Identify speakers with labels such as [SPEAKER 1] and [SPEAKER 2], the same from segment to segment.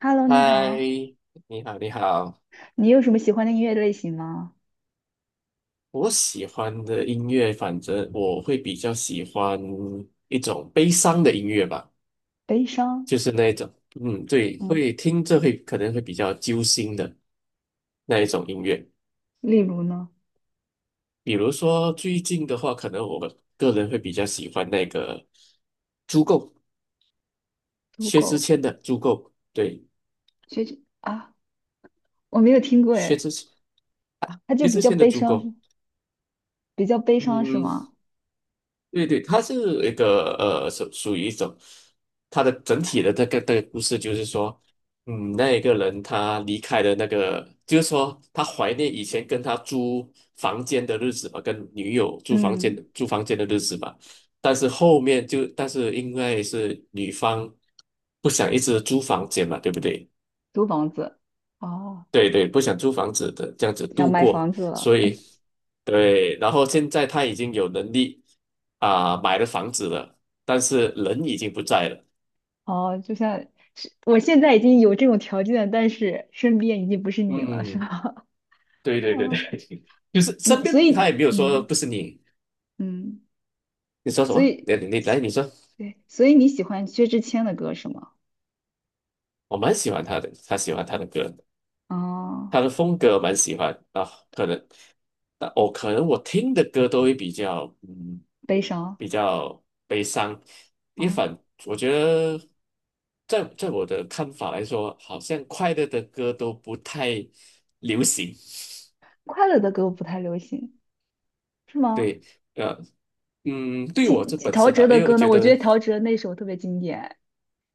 [SPEAKER 1] Hello，你
[SPEAKER 2] 嗨，
[SPEAKER 1] 好，
[SPEAKER 2] 你好，你好。
[SPEAKER 1] 你有什么喜欢的音乐类型吗？
[SPEAKER 2] 我喜欢的音乐，反正我会比较喜欢一种悲伤的音乐吧，
[SPEAKER 1] 悲伤，
[SPEAKER 2] 就是那一种，嗯，对，
[SPEAKER 1] 嗯，
[SPEAKER 2] 会听着会可能会比较揪心的那一种音乐。
[SPEAKER 1] 例如呢，
[SPEAKER 2] 比如说最近的话，可能我个人会比较喜欢那个《足够》，
[SPEAKER 1] 足
[SPEAKER 2] 薛之
[SPEAKER 1] 够，
[SPEAKER 2] 谦的《足够》，对，
[SPEAKER 1] 学姐啊，我没有听过
[SPEAKER 2] 薛
[SPEAKER 1] 哎。
[SPEAKER 2] 之谦啊，
[SPEAKER 1] 它就
[SPEAKER 2] 薛之谦的《足够》，
[SPEAKER 1] 比较悲伤是
[SPEAKER 2] 嗯。
[SPEAKER 1] 吗？
[SPEAKER 2] 对对，它是一个属于一种，它的整体的这个故事就是说，嗯，那一个人他离开了那个，就是说他怀念以前跟他租房间的日子吧，跟女友租房间
[SPEAKER 1] 嗯，
[SPEAKER 2] 租房间的日子吧，但是后面就但是因为是女方不想一直租房间嘛，对不对？
[SPEAKER 1] 租房子，哦，
[SPEAKER 2] 对对，不想租房子的，这样子
[SPEAKER 1] 想
[SPEAKER 2] 度
[SPEAKER 1] 买
[SPEAKER 2] 过，
[SPEAKER 1] 房子了。
[SPEAKER 2] 所以对，然后现在他已经有能力啊、买了房子了，但是人已经不在了。
[SPEAKER 1] 哦，就像是我现在已经有这种条件，但是身边已经不是你了，是
[SPEAKER 2] 嗯，
[SPEAKER 1] 吧？
[SPEAKER 2] 对 对对对，
[SPEAKER 1] 哦，
[SPEAKER 2] 就是身
[SPEAKER 1] 你
[SPEAKER 2] 边
[SPEAKER 1] 所
[SPEAKER 2] 他
[SPEAKER 1] 以
[SPEAKER 2] 也没有说
[SPEAKER 1] 嗯
[SPEAKER 2] 不是你，
[SPEAKER 1] 嗯，
[SPEAKER 2] 你说什
[SPEAKER 1] 所
[SPEAKER 2] 么？
[SPEAKER 1] 以
[SPEAKER 2] 你来，
[SPEAKER 1] 所
[SPEAKER 2] 你说，
[SPEAKER 1] 对，所以你喜欢薛之谦的歌是吗？
[SPEAKER 2] 我蛮喜欢他的，他喜欢他的歌。
[SPEAKER 1] 哦，
[SPEAKER 2] 他的风格蛮喜欢啊，可能，但我可能我听的歌都会比较，嗯，
[SPEAKER 1] 悲伤，
[SPEAKER 2] 比较悲伤。一
[SPEAKER 1] 哦。
[SPEAKER 2] 反，我觉得在我的看法来说，好像快乐的歌都不太流行。
[SPEAKER 1] 快乐的歌不太流行，是吗？
[SPEAKER 2] 对，呃，嗯，对
[SPEAKER 1] 今
[SPEAKER 2] 我这本
[SPEAKER 1] 陶
[SPEAKER 2] 身的，
[SPEAKER 1] 喆的
[SPEAKER 2] 因为我
[SPEAKER 1] 歌呢？
[SPEAKER 2] 觉
[SPEAKER 1] 我觉
[SPEAKER 2] 得
[SPEAKER 1] 得陶喆那首特别经典，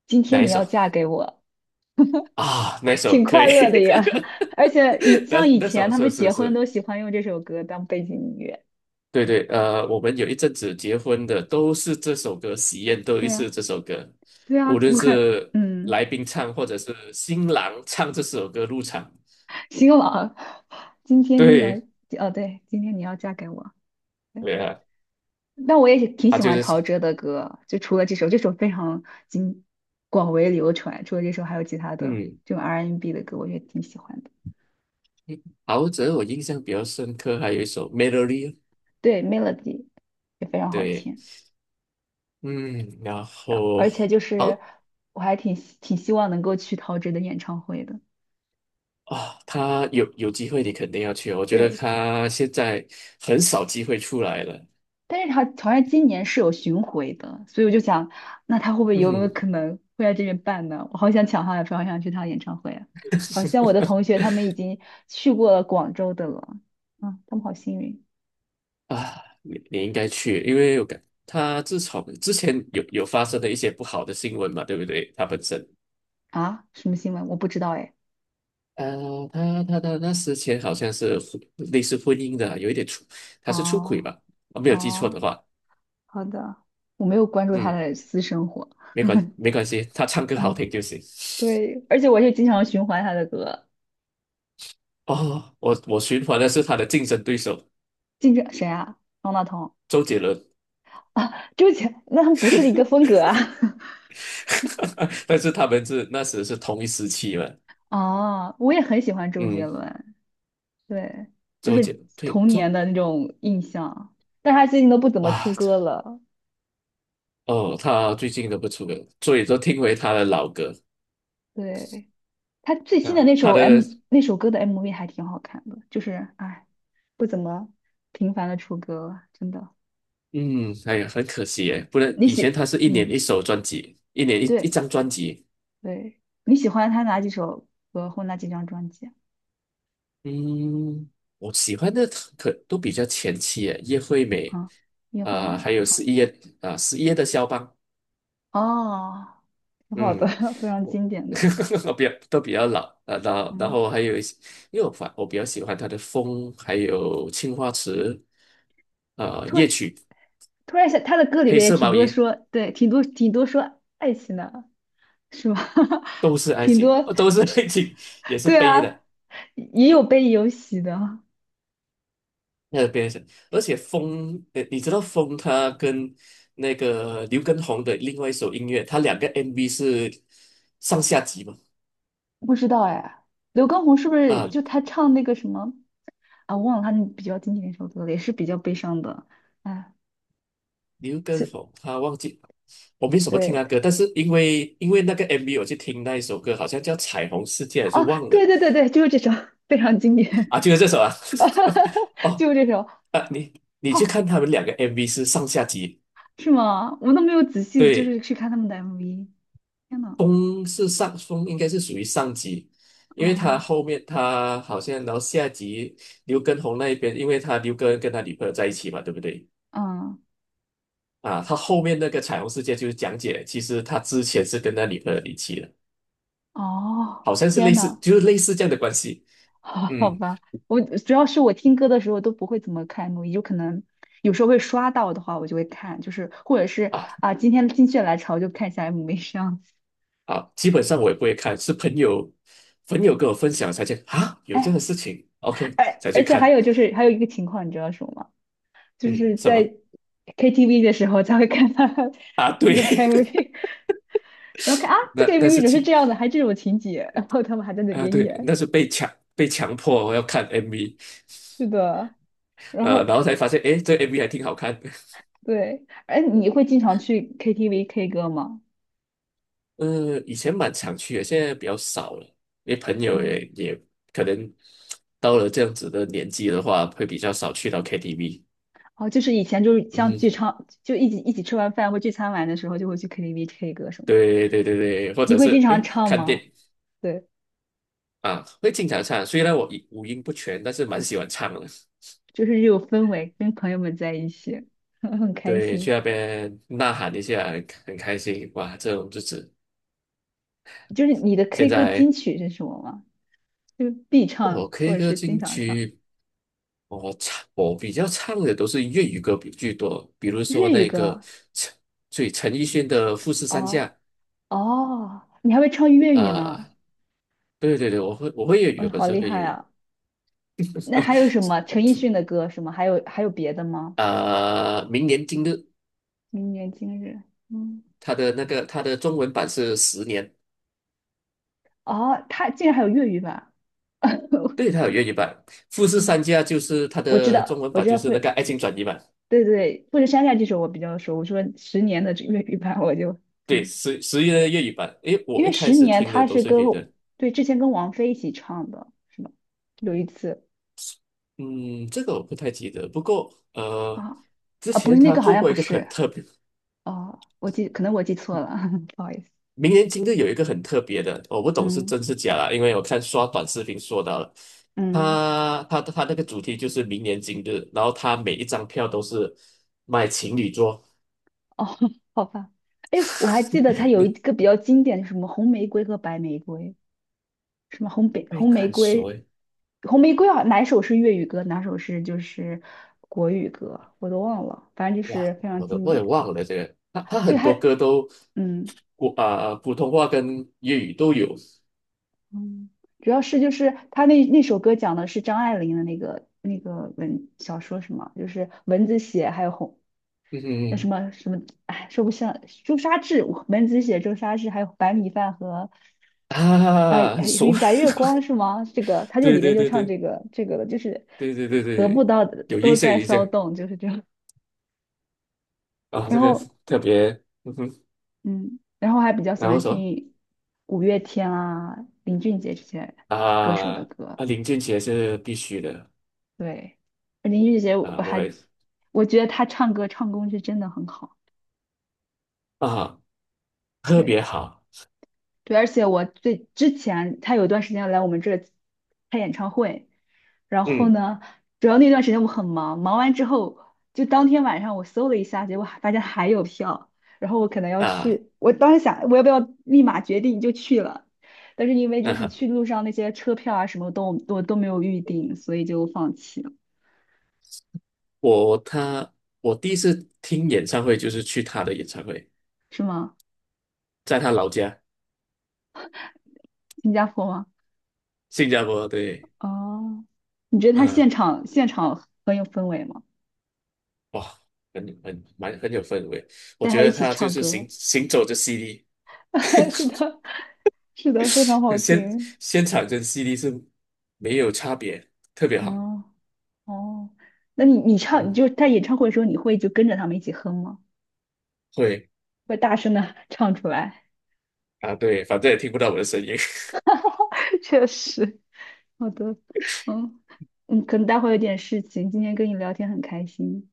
[SPEAKER 1] 《今
[SPEAKER 2] 哪
[SPEAKER 1] 天
[SPEAKER 2] 一
[SPEAKER 1] 你要
[SPEAKER 2] 首
[SPEAKER 1] 嫁给我》，
[SPEAKER 2] 哪一首
[SPEAKER 1] 挺
[SPEAKER 2] 可
[SPEAKER 1] 快
[SPEAKER 2] 以，
[SPEAKER 1] 乐的呀。而且像
[SPEAKER 2] 那
[SPEAKER 1] 以
[SPEAKER 2] 那
[SPEAKER 1] 前
[SPEAKER 2] 首
[SPEAKER 1] 他
[SPEAKER 2] 是
[SPEAKER 1] 们
[SPEAKER 2] 是
[SPEAKER 1] 结婚
[SPEAKER 2] 是。
[SPEAKER 1] 都喜欢用这首歌当背景音乐。
[SPEAKER 2] 对对，我们有一阵子结婚的都是这首歌，喜宴都
[SPEAKER 1] 对
[SPEAKER 2] 是
[SPEAKER 1] 呀，
[SPEAKER 2] 这首歌，
[SPEAKER 1] 对呀，
[SPEAKER 2] 无论
[SPEAKER 1] 我看，
[SPEAKER 2] 是来宾唱或者是新郎唱这首歌入场。
[SPEAKER 1] 新郎，今天你要
[SPEAKER 2] 对，
[SPEAKER 1] 哦，对，今天你要嫁给我。对，
[SPEAKER 2] 对啊，
[SPEAKER 1] 但我也是挺
[SPEAKER 2] 他
[SPEAKER 1] 喜
[SPEAKER 2] 就
[SPEAKER 1] 欢
[SPEAKER 2] 是
[SPEAKER 1] 陶
[SPEAKER 2] 唱，
[SPEAKER 1] 喆的歌，就除了这首，这首非常经广为流传。除了这首，还有其他的
[SPEAKER 2] 嗯，
[SPEAKER 1] 这种 R&B N 的歌，我也挺喜欢的。
[SPEAKER 2] 陶喆我印象比较深刻，还有一首《Melody》,
[SPEAKER 1] 对，Melody 也非常好
[SPEAKER 2] 对，
[SPEAKER 1] 听，
[SPEAKER 2] 嗯，然
[SPEAKER 1] 然后
[SPEAKER 2] 后
[SPEAKER 1] 而且就是
[SPEAKER 2] 好
[SPEAKER 1] 我还挺希望能够去陶喆的演唱会的。
[SPEAKER 2] 啊，他有机会你肯定要去哦。我觉得
[SPEAKER 1] 对，
[SPEAKER 2] 他现在很少机会出来了，
[SPEAKER 1] 但是他好像今年是有巡回的，所以我就想，那他会不会有没有
[SPEAKER 2] 嗯。
[SPEAKER 1] 可能会在这边办呢？我好想抢他的票，好想去他的演唱会啊！好像我的同学他们已经去过了广州的了，他们好幸运。
[SPEAKER 2] 啊，你应该去，因为我感他自从之前有发生的一些不好的新闻嘛，对不对？他本身，
[SPEAKER 1] 啊！什么新闻？我不知道哎。
[SPEAKER 2] 他那之前好像是婚类似婚姻的，有一点出，他是出
[SPEAKER 1] 哦
[SPEAKER 2] 轨吧？我没有记错
[SPEAKER 1] 哦，
[SPEAKER 2] 的话，
[SPEAKER 1] 好的，我没有关注他
[SPEAKER 2] 嗯，
[SPEAKER 1] 的私生活。
[SPEAKER 2] 没关 没关系，他唱歌好
[SPEAKER 1] 嗯，
[SPEAKER 2] 听就行。
[SPEAKER 1] 对，而且我也经常循环他的歌。
[SPEAKER 2] 哦，我循环的是他的竞争对手
[SPEAKER 1] 经常谁啊？方大同
[SPEAKER 2] 周杰伦，
[SPEAKER 1] 啊，那他们不是一个风格啊。
[SPEAKER 2] 但是他们是那时是同一时期嘛，
[SPEAKER 1] 哦，我也很喜欢周杰
[SPEAKER 2] 嗯，
[SPEAKER 1] 伦，对，就
[SPEAKER 2] 周杰
[SPEAKER 1] 是
[SPEAKER 2] 对
[SPEAKER 1] 童
[SPEAKER 2] 周
[SPEAKER 1] 年的那种印象，但是他最近都不怎么
[SPEAKER 2] 哇。
[SPEAKER 1] 出歌了。
[SPEAKER 2] 哦，他最近都不出歌，所以都听回他的老歌
[SPEAKER 1] 对，他最新的
[SPEAKER 2] 啊，
[SPEAKER 1] 那首
[SPEAKER 2] 他
[SPEAKER 1] M
[SPEAKER 2] 的
[SPEAKER 1] 那首歌的 MV 还挺好看的，就是哎，不怎么频繁的出歌了，真的。
[SPEAKER 2] 嗯，哎呀，很可惜耶，不然
[SPEAKER 1] 你
[SPEAKER 2] 以前
[SPEAKER 1] 喜，
[SPEAKER 2] 他是一年
[SPEAKER 1] 嗯，
[SPEAKER 2] 一首专辑，一年一一
[SPEAKER 1] 对
[SPEAKER 2] 张专辑，
[SPEAKER 1] 对，你喜欢他哪几首歌或哪几张专辑
[SPEAKER 2] 嗯，我喜欢的可都比较前期耶，叶惠
[SPEAKER 1] 啊？
[SPEAKER 2] 美
[SPEAKER 1] 啊，音乐会
[SPEAKER 2] 啊、
[SPEAKER 1] 面。
[SPEAKER 2] 还有十一月啊，十一月的肖邦，
[SPEAKER 1] 哦，挺好的，
[SPEAKER 2] 嗯，
[SPEAKER 1] 非常
[SPEAKER 2] 我
[SPEAKER 1] 经典的。
[SPEAKER 2] 比较都比较老啊，然后然
[SPEAKER 1] 嗯，
[SPEAKER 2] 后还有一些，因为我比较喜欢他的风，还有青花瓷啊、
[SPEAKER 1] 突
[SPEAKER 2] 夜
[SPEAKER 1] 然
[SPEAKER 2] 曲，
[SPEAKER 1] 突然想，他的歌里
[SPEAKER 2] 黑
[SPEAKER 1] 面也
[SPEAKER 2] 色
[SPEAKER 1] 挺
[SPEAKER 2] 毛
[SPEAKER 1] 多
[SPEAKER 2] 衣。
[SPEAKER 1] 说，对，挺多说爱情的，是吧？
[SPEAKER 2] 都是 爱
[SPEAKER 1] 挺
[SPEAKER 2] 情，
[SPEAKER 1] 多，
[SPEAKER 2] 都是爱情，也是
[SPEAKER 1] 对
[SPEAKER 2] 悲
[SPEAKER 1] 啊，
[SPEAKER 2] 的，
[SPEAKER 1] 也有悲也有喜的。
[SPEAKER 2] 那个悲情。而且风，你知道风他跟那个刘畊宏的另外一首音乐，他两个 MV 是上下集嘛？
[SPEAKER 1] 不知道哎，刘畊宏是不是
[SPEAKER 2] 啊，
[SPEAKER 1] 就他唱那个什么？啊，我忘了他那比较经典的一首歌了，也是比较悲伤的。哎，
[SPEAKER 2] 刘畊
[SPEAKER 1] 是，
[SPEAKER 2] 宏他忘记我没什么听
[SPEAKER 1] 对
[SPEAKER 2] 他
[SPEAKER 1] 对，
[SPEAKER 2] 歌，但是因为那个 MV 我去听那一首歌，好像叫《彩虹世界》还是
[SPEAKER 1] 哦，
[SPEAKER 2] 忘了
[SPEAKER 1] 对对对对，就是这首，非常经典，
[SPEAKER 2] 啊，就是这首啊。哦，
[SPEAKER 1] 就是这首。
[SPEAKER 2] 啊，你 你去
[SPEAKER 1] 好，
[SPEAKER 2] 看他们两个 MV 是上下集，
[SPEAKER 1] 是吗？我都没有仔细就
[SPEAKER 2] 对。
[SPEAKER 1] 是去看他们的 MV。天呐，
[SPEAKER 2] 风是上风，应该是属于上级，因为他
[SPEAKER 1] 哦，
[SPEAKER 2] 后面他好像然后下集刘畊宏那一边，因为他刘畊跟他女朋友在一起嘛，对不对？
[SPEAKER 1] 嗯，
[SPEAKER 2] 啊，他后面那个彩虹世界就是讲解，其实他之前是跟他女朋友离奇了，
[SPEAKER 1] 哦，
[SPEAKER 2] 好像是
[SPEAKER 1] 天
[SPEAKER 2] 类似，
[SPEAKER 1] 呐，
[SPEAKER 2] 就是类似这样的关系。
[SPEAKER 1] 好好
[SPEAKER 2] 嗯，
[SPEAKER 1] 吧，我主要是我听歌的时候都不会怎么看 MV，就可能有时候会刷到的话，我就会看，就是或者是
[SPEAKER 2] 啊
[SPEAKER 1] 啊、今天心血来潮就看一下 MV 这样子。
[SPEAKER 2] 啊，基本上我也不会看，是朋友跟我分享才去啊，有这样
[SPEAKER 1] 哎，
[SPEAKER 2] 的事情，OK
[SPEAKER 1] 而
[SPEAKER 2] 才去
[SPEAKER 1] 而且还
[SPEAKER 2] 看。
[SPEAKER 1] 有就是还有一个情况，你知道什么吗？就
[SPEAKER 2] 嗯，
[SPEAKER 1] 是
[SPEAKER 2] 什么
[SPEAKER 1] 在 KTV 的时候才会看到
[SPEAKER 2] 啊？对，
[SPEAKER 1] 那个 MV，然后看啊，这个
[SPEAKER 2] 那
[SPEAKER 1] MV
[SPEAKER 2] 是
[SPEAKER 1] 怎么是
[SPEAKER 2] 前
[SPEAKER 1] 这样的，还这种情节，然后他们还在那
[SPEAKER 2] 啊，
[SPEAKER 1] 边
[SPEAKER 2] 对，
[SPEAKER 1] 演，
[SPEAKER 2] 那是被强迫我要看 MV,
[SPEAKER 1] 是的，然
[SPEAKER 2] 然
[SPEAKER 1] 后
[SPEAKER 2] 后才发现，诶，这 MV 还挺好看的。
[SPEAKER 1] 对，哎，你会经常去 KTV K 歌吗？
[SPEAKER 2] 以前蛮常去的，现在比较少了，因为朋友也
[SPEAKER 1] 嗯，
[SPEAKER 2] 也可能到了这样子的年纪的话，会比较少去到 KTV。
[SPEAKER 1] 哦，就是以前就是像聚
[SPEAKER 2] 嗯，
[SPEAKER 1] 餐，就一起吃完饭或聚餐完的时候，就会去 KTV K 歌什么，
[SPEAKER 2] 对对对对，或
[SPEAKER 1] 你
[SPEAKER 2] 者
[SPEAKER 1] 会经
[SPEAKER 2] 是
[SPEAKER 1] 常
[SPEAKER 2] 诶，
[SPEAKER 1] 唱
[SPEAKER 2] 看
[SPEAKER 1] 吗？
[SPEAKER 2] 电
[SPEAKER 1] 对，
[SPEAKER 2] 啊，会经常唱。虽然我五音不全，但是蛮喜欢唱的。
[SPEAKER 1] 就是有氛围，跟朋友们在一起，很开
[SPEAKER 2] 对，
[SPEAKER 1] 心。
[SPEAKER 2] 去那边呐喊一下，很开心。哇，这种日子
[SPEAKER 1] 就是你的
[SPEAKER 2] 现
[SPEAKER 1] K 歌金
[SPEAKER 2] 在
[SPEAKER 1] 曲是什么吗？就必
[SPEAKER 2] 我
[SPEAKER 1] 唱或
[SPEAKER 2] K
[SPEAKER 1] 者
[SPEAKER 2] 歌
[SPEAKER 1] 是经
[SPEAKER 2] 进
[SPEAKER 1] 常唱
[SPEAKER 2] 去我唱我比较唱的都是粤语歌比居多，比如
[SPEAKER 1] 粤
[SPEAKER 2] 说
[SPEAKER 1] 语
[SPEAKER 2] 那个
[SPEAKER 1] 歌。
[SPEAKER 2] 陈，所以陈奕迅的《富士山下》
[SPEAKER 1] 哦哦，你还会唱粤语呢？
[SPEAKER 2] 啊、对对对，我会粤语，
[SPEAKER 1] 嗯，
[SPEAKER 2] 我本
[SPEAKER 1] 好
[SPEAKER 2] 身
[SPEAKER 1] 厉
[SPEAKER 2] 会粤
[SPEAKER 1] 害
[SPEAKER 2] 语
[SPEAKER 1] 啊！那还有什么陈奕迅的歌什么？还有别的吗？
[SPEAKER 2] 啊、明年今日，
[SPEAKER 1] 明年今日，嗯，
[SPEAKER 2] 他的中文版是十年，
[SPEAKER 1] 哦，他竟然还有粤语版。
[SPEAKER 2] 对，他有粤语版，《富士
[SPEAKER 1] 嗯，
[SPEAKER 2] 山下》就是他
[SPEAKER 1] 我知
[SPEAKER 2] 的中
[SPEAKER 1] 道，
[SPEAKER 2] 文
[SPEAKER 1] 我
[SPEAKER 2] 版，
[SPEAKER 1] 知
[SPEAKER 2] 就
[SPEAKER 1] 道富，
[SPEAKER 2] 是那个《爱情转移》版，
[SPEAKER 1] 对对，富士山下这首我比较熟。我说十年的这粤语版，我就
[SPEAKER 2] 对，
[SPEAKER 1] 嗯，
[SPEAKER 2] 十一的粤语版。诶，
[SPEAKER 1] 因
[SPEAKER 2] 我一
[SPEAKER 1] 为
[SPEAKER 2] 开
[SPEAKER 1] 十
[SPEAKER 2] 始
[SPEAKER 1] 年
[SPEAKER 2] 听的
[SPEAKER 1] 他
[SPEAKER 2] 都
[SPEAKER 1] 是
[SPEAKER 2] 是粤语的
[SPEAKER 1] 对，之前跟王菲一起唱的，是吧？有一次
[SPEAKER 2] 嗯，这个我不太记得，不过
[SPEAKER 1] 啊，
[SPEAKER 2] 之
[SPEAKER 1] 不是
[SPEAKER 2] 前
[SPEAKER 1] 那
[SPEAKER 2] 他
[SPEAKER 1] 个好
[SPEAKER 2] 做
[SPEAKER 1] 像
[SPEAKER 2] 过
[SPEAKER 1] 不
[SPEAKER 2] 一个很
[SPEAKER 1] 是，
[SPEAKER 2] 特别。
[SPEAKER 1] 哦，可能我记错了，不好意思。
[SPEAKER 2] 明年今日有一个很特别的，我不懂是
[SPEAKER 1] 嗯
[SPEAKER 2] 真是假啦，因为我看刷短视频说到了，
[SPEAKER 1] 嗯，
[SPEAKER 2] 他那个主题就是明年今日，然后他每一张票都是卖情侣桌，
[SPEAKER 1] 哦，好吧。哎，我还记得它有一个比较经典的，什么红玫瑰和白玫瑰，什么
[SPEAKER 2] 没
[SPEAKER 1] 红玫
[SPEAKER 2] 敢说
[SPEAKER 1] 瑰，
[SPEAKER 2] 诶，
[SPEAKER 1] 红玫瑰啊，哪首是粤语歌，哪首是国语歌，我都忘了，反正就
[SPEAKER 2] 哇，
[SPEAKER 1] 是非常
[SPEAKER 2] 我都
[SPEAKER 1] 经
[SPEAKER 2] 我也
[SPEAKER 1] 典。
[SPEAKER 2] 忘了这个，他
[SPEAKER 1] 就
[SPEAKER 2] 很
[SPEAKER 1] 它，
[SPEAKER 2] 多歌都
[SPEAKER 1] 嗯
[SPEAKER 2] 国啊、普通话跟粤语都有，
[SPEAKER 1] 嗯，主要是就是他那首歌讲的是张爱玲的那个小说，什么，就是文字写还有红
[SPEAKER 2] 嗯
[SPEAKER 1] 那什
[SPEAKER 2] 哼
[SPEAKER 1] 么什么，哎，说不上朱砂痣，我门子写朱砂痣，还有白米饭和
[SPEAKER 2] 啊，很
[SPEAKER 1] 还
[SPEAKER 2] 熟，
[SPEAKER 1] 有白 月光是吗？这个他就
[SPEAKER 2] 对
[SPEAKER 1] 里边
[SPEAKER 2] 对
[SPEAKER 1] 就
[SPEAKER 2] 对
[SPEAKER 1] 唱
[SPEAKER 2] 对
[SPEAKER 1] 这个了，就是
[SPEAKER 2] 对对对
[SPEAKER 1] 得不
[SPEAKER 2] 对，
[SPEAKER 1] 到的
[SPEAKER 2] 有印
[SPEAKER 1] 都
[SPEAKER 2] 象有
[SPEAKER 1] 在
[SPEAKER 2] 印象
[SPEAKER 1] 骚动，就是这样。
[SPEAKER 2] 啊，
[SPEAKER 1] 然
[SPEAKER 2] 这个
[SPEAKER 1] 后
[SPEAKER 2] 特别，嗯哼，
[SPEAKER 1] 嗯，然后还比较喜
[SPEAKER 2] 然后
[SPEAKER 1] 欢
[SPEAKER 2] 什么？
[SPEAKER 1] 听五月天啊、林俊杰这些歌手
[SPEAKER 2] 啊，
[SPEAKER 1] 的歌。
[SPEAKER 2] 啊，林俊杰是必须的
[SPEAKER 1] 对，林俊杰
[SPEAKER 2] 啊，我也是
[SPEAKER 1] 我觉得他唱歌唱功是真的很好。
[SPEAKER 2] 啊，特
[SPEAKER 1] 对。
[SPEAKER 2] 别好，
[SPEAKER 1] 对，而且我之前他有一段时间来我们这儿开演唱会，然后
[SPEAKER 2] 嗯
[SPEAKER 1] 呢，主要那段时间我很忙，忙完之后就当天晚上我搜了一下，结果还发现还有票，然后我可能要
[SPEAKER 2] 啊，
[SPEAKER 1] 去，我当时想我要不要立马决定就去了，但是因为就是
[SPEAKER 2] 啊，
[SPEAKER 1] 去路上那些车票啊什么都没有预定，所以就放弃了。
[SPEAKER 2] 我他我第一次听演唱会就是去他的演唱会，
[SPEAKER 1] 是吗？
[SPEAKER 2] 在他老家
[SPEAKER 1] 新加坡吗？
[SPEAKER 2] 新加坡，对，
[SPEAKER 1] 哦，你觉得他
[SPEAKER 2] 嗯、
[SPEAKER 1] 现场很有氛围吗？
[SPEAKER 2] 哇，很蛮很有氛围，我
[SPEAKER 1] 带他
[SPEAKER 2] 觉
[SPEAKER 1] 一
[SPEAKER 2] 得
[SPEAKER 1] 起
[SPEAKER 2] 他就
[SPEAKER 1] 唱
[SPEAKER 2] 是
[SPEAKER 1] 歌。
[SPEAKER 2] 行走着 CD,
[SPEAKER 1] 是的，是的，非常好
[SPEAKER 2] 现
[SPEAKER 1] 听。
[SPEAKER 2] 现场跟 CD 是没有差别，特别好，
[SPEAKER 1] 哦哦，那你唱，你
[SPEAKER 2] 嗯，
[SPEAKER 1] 就他在演唱会的时候，你会就跟着他们一起哼吗？
[SPEAKER 2] 会
[SPEAKER 1] 会大声的 唱出来？
[SPEAKER 2] 啊，对，反正也听不到我的声音。
[SPEAKER 1] 确实，好的，嗯可能待会有点事情，今天跟你聊天很开心。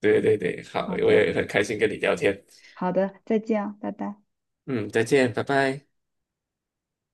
[SPEAKER 2] 对对对，好，
[SPEAKER 1] 好
[SPEAKER 2] 我
[SPEAKER 1] 的，
[SPEAKER 2] 也很开心跟你聊天。
[SPEAKER 1] 好的，再见啊，拜拜。
[SPEAKER 2] 嗯，再见，拜拜。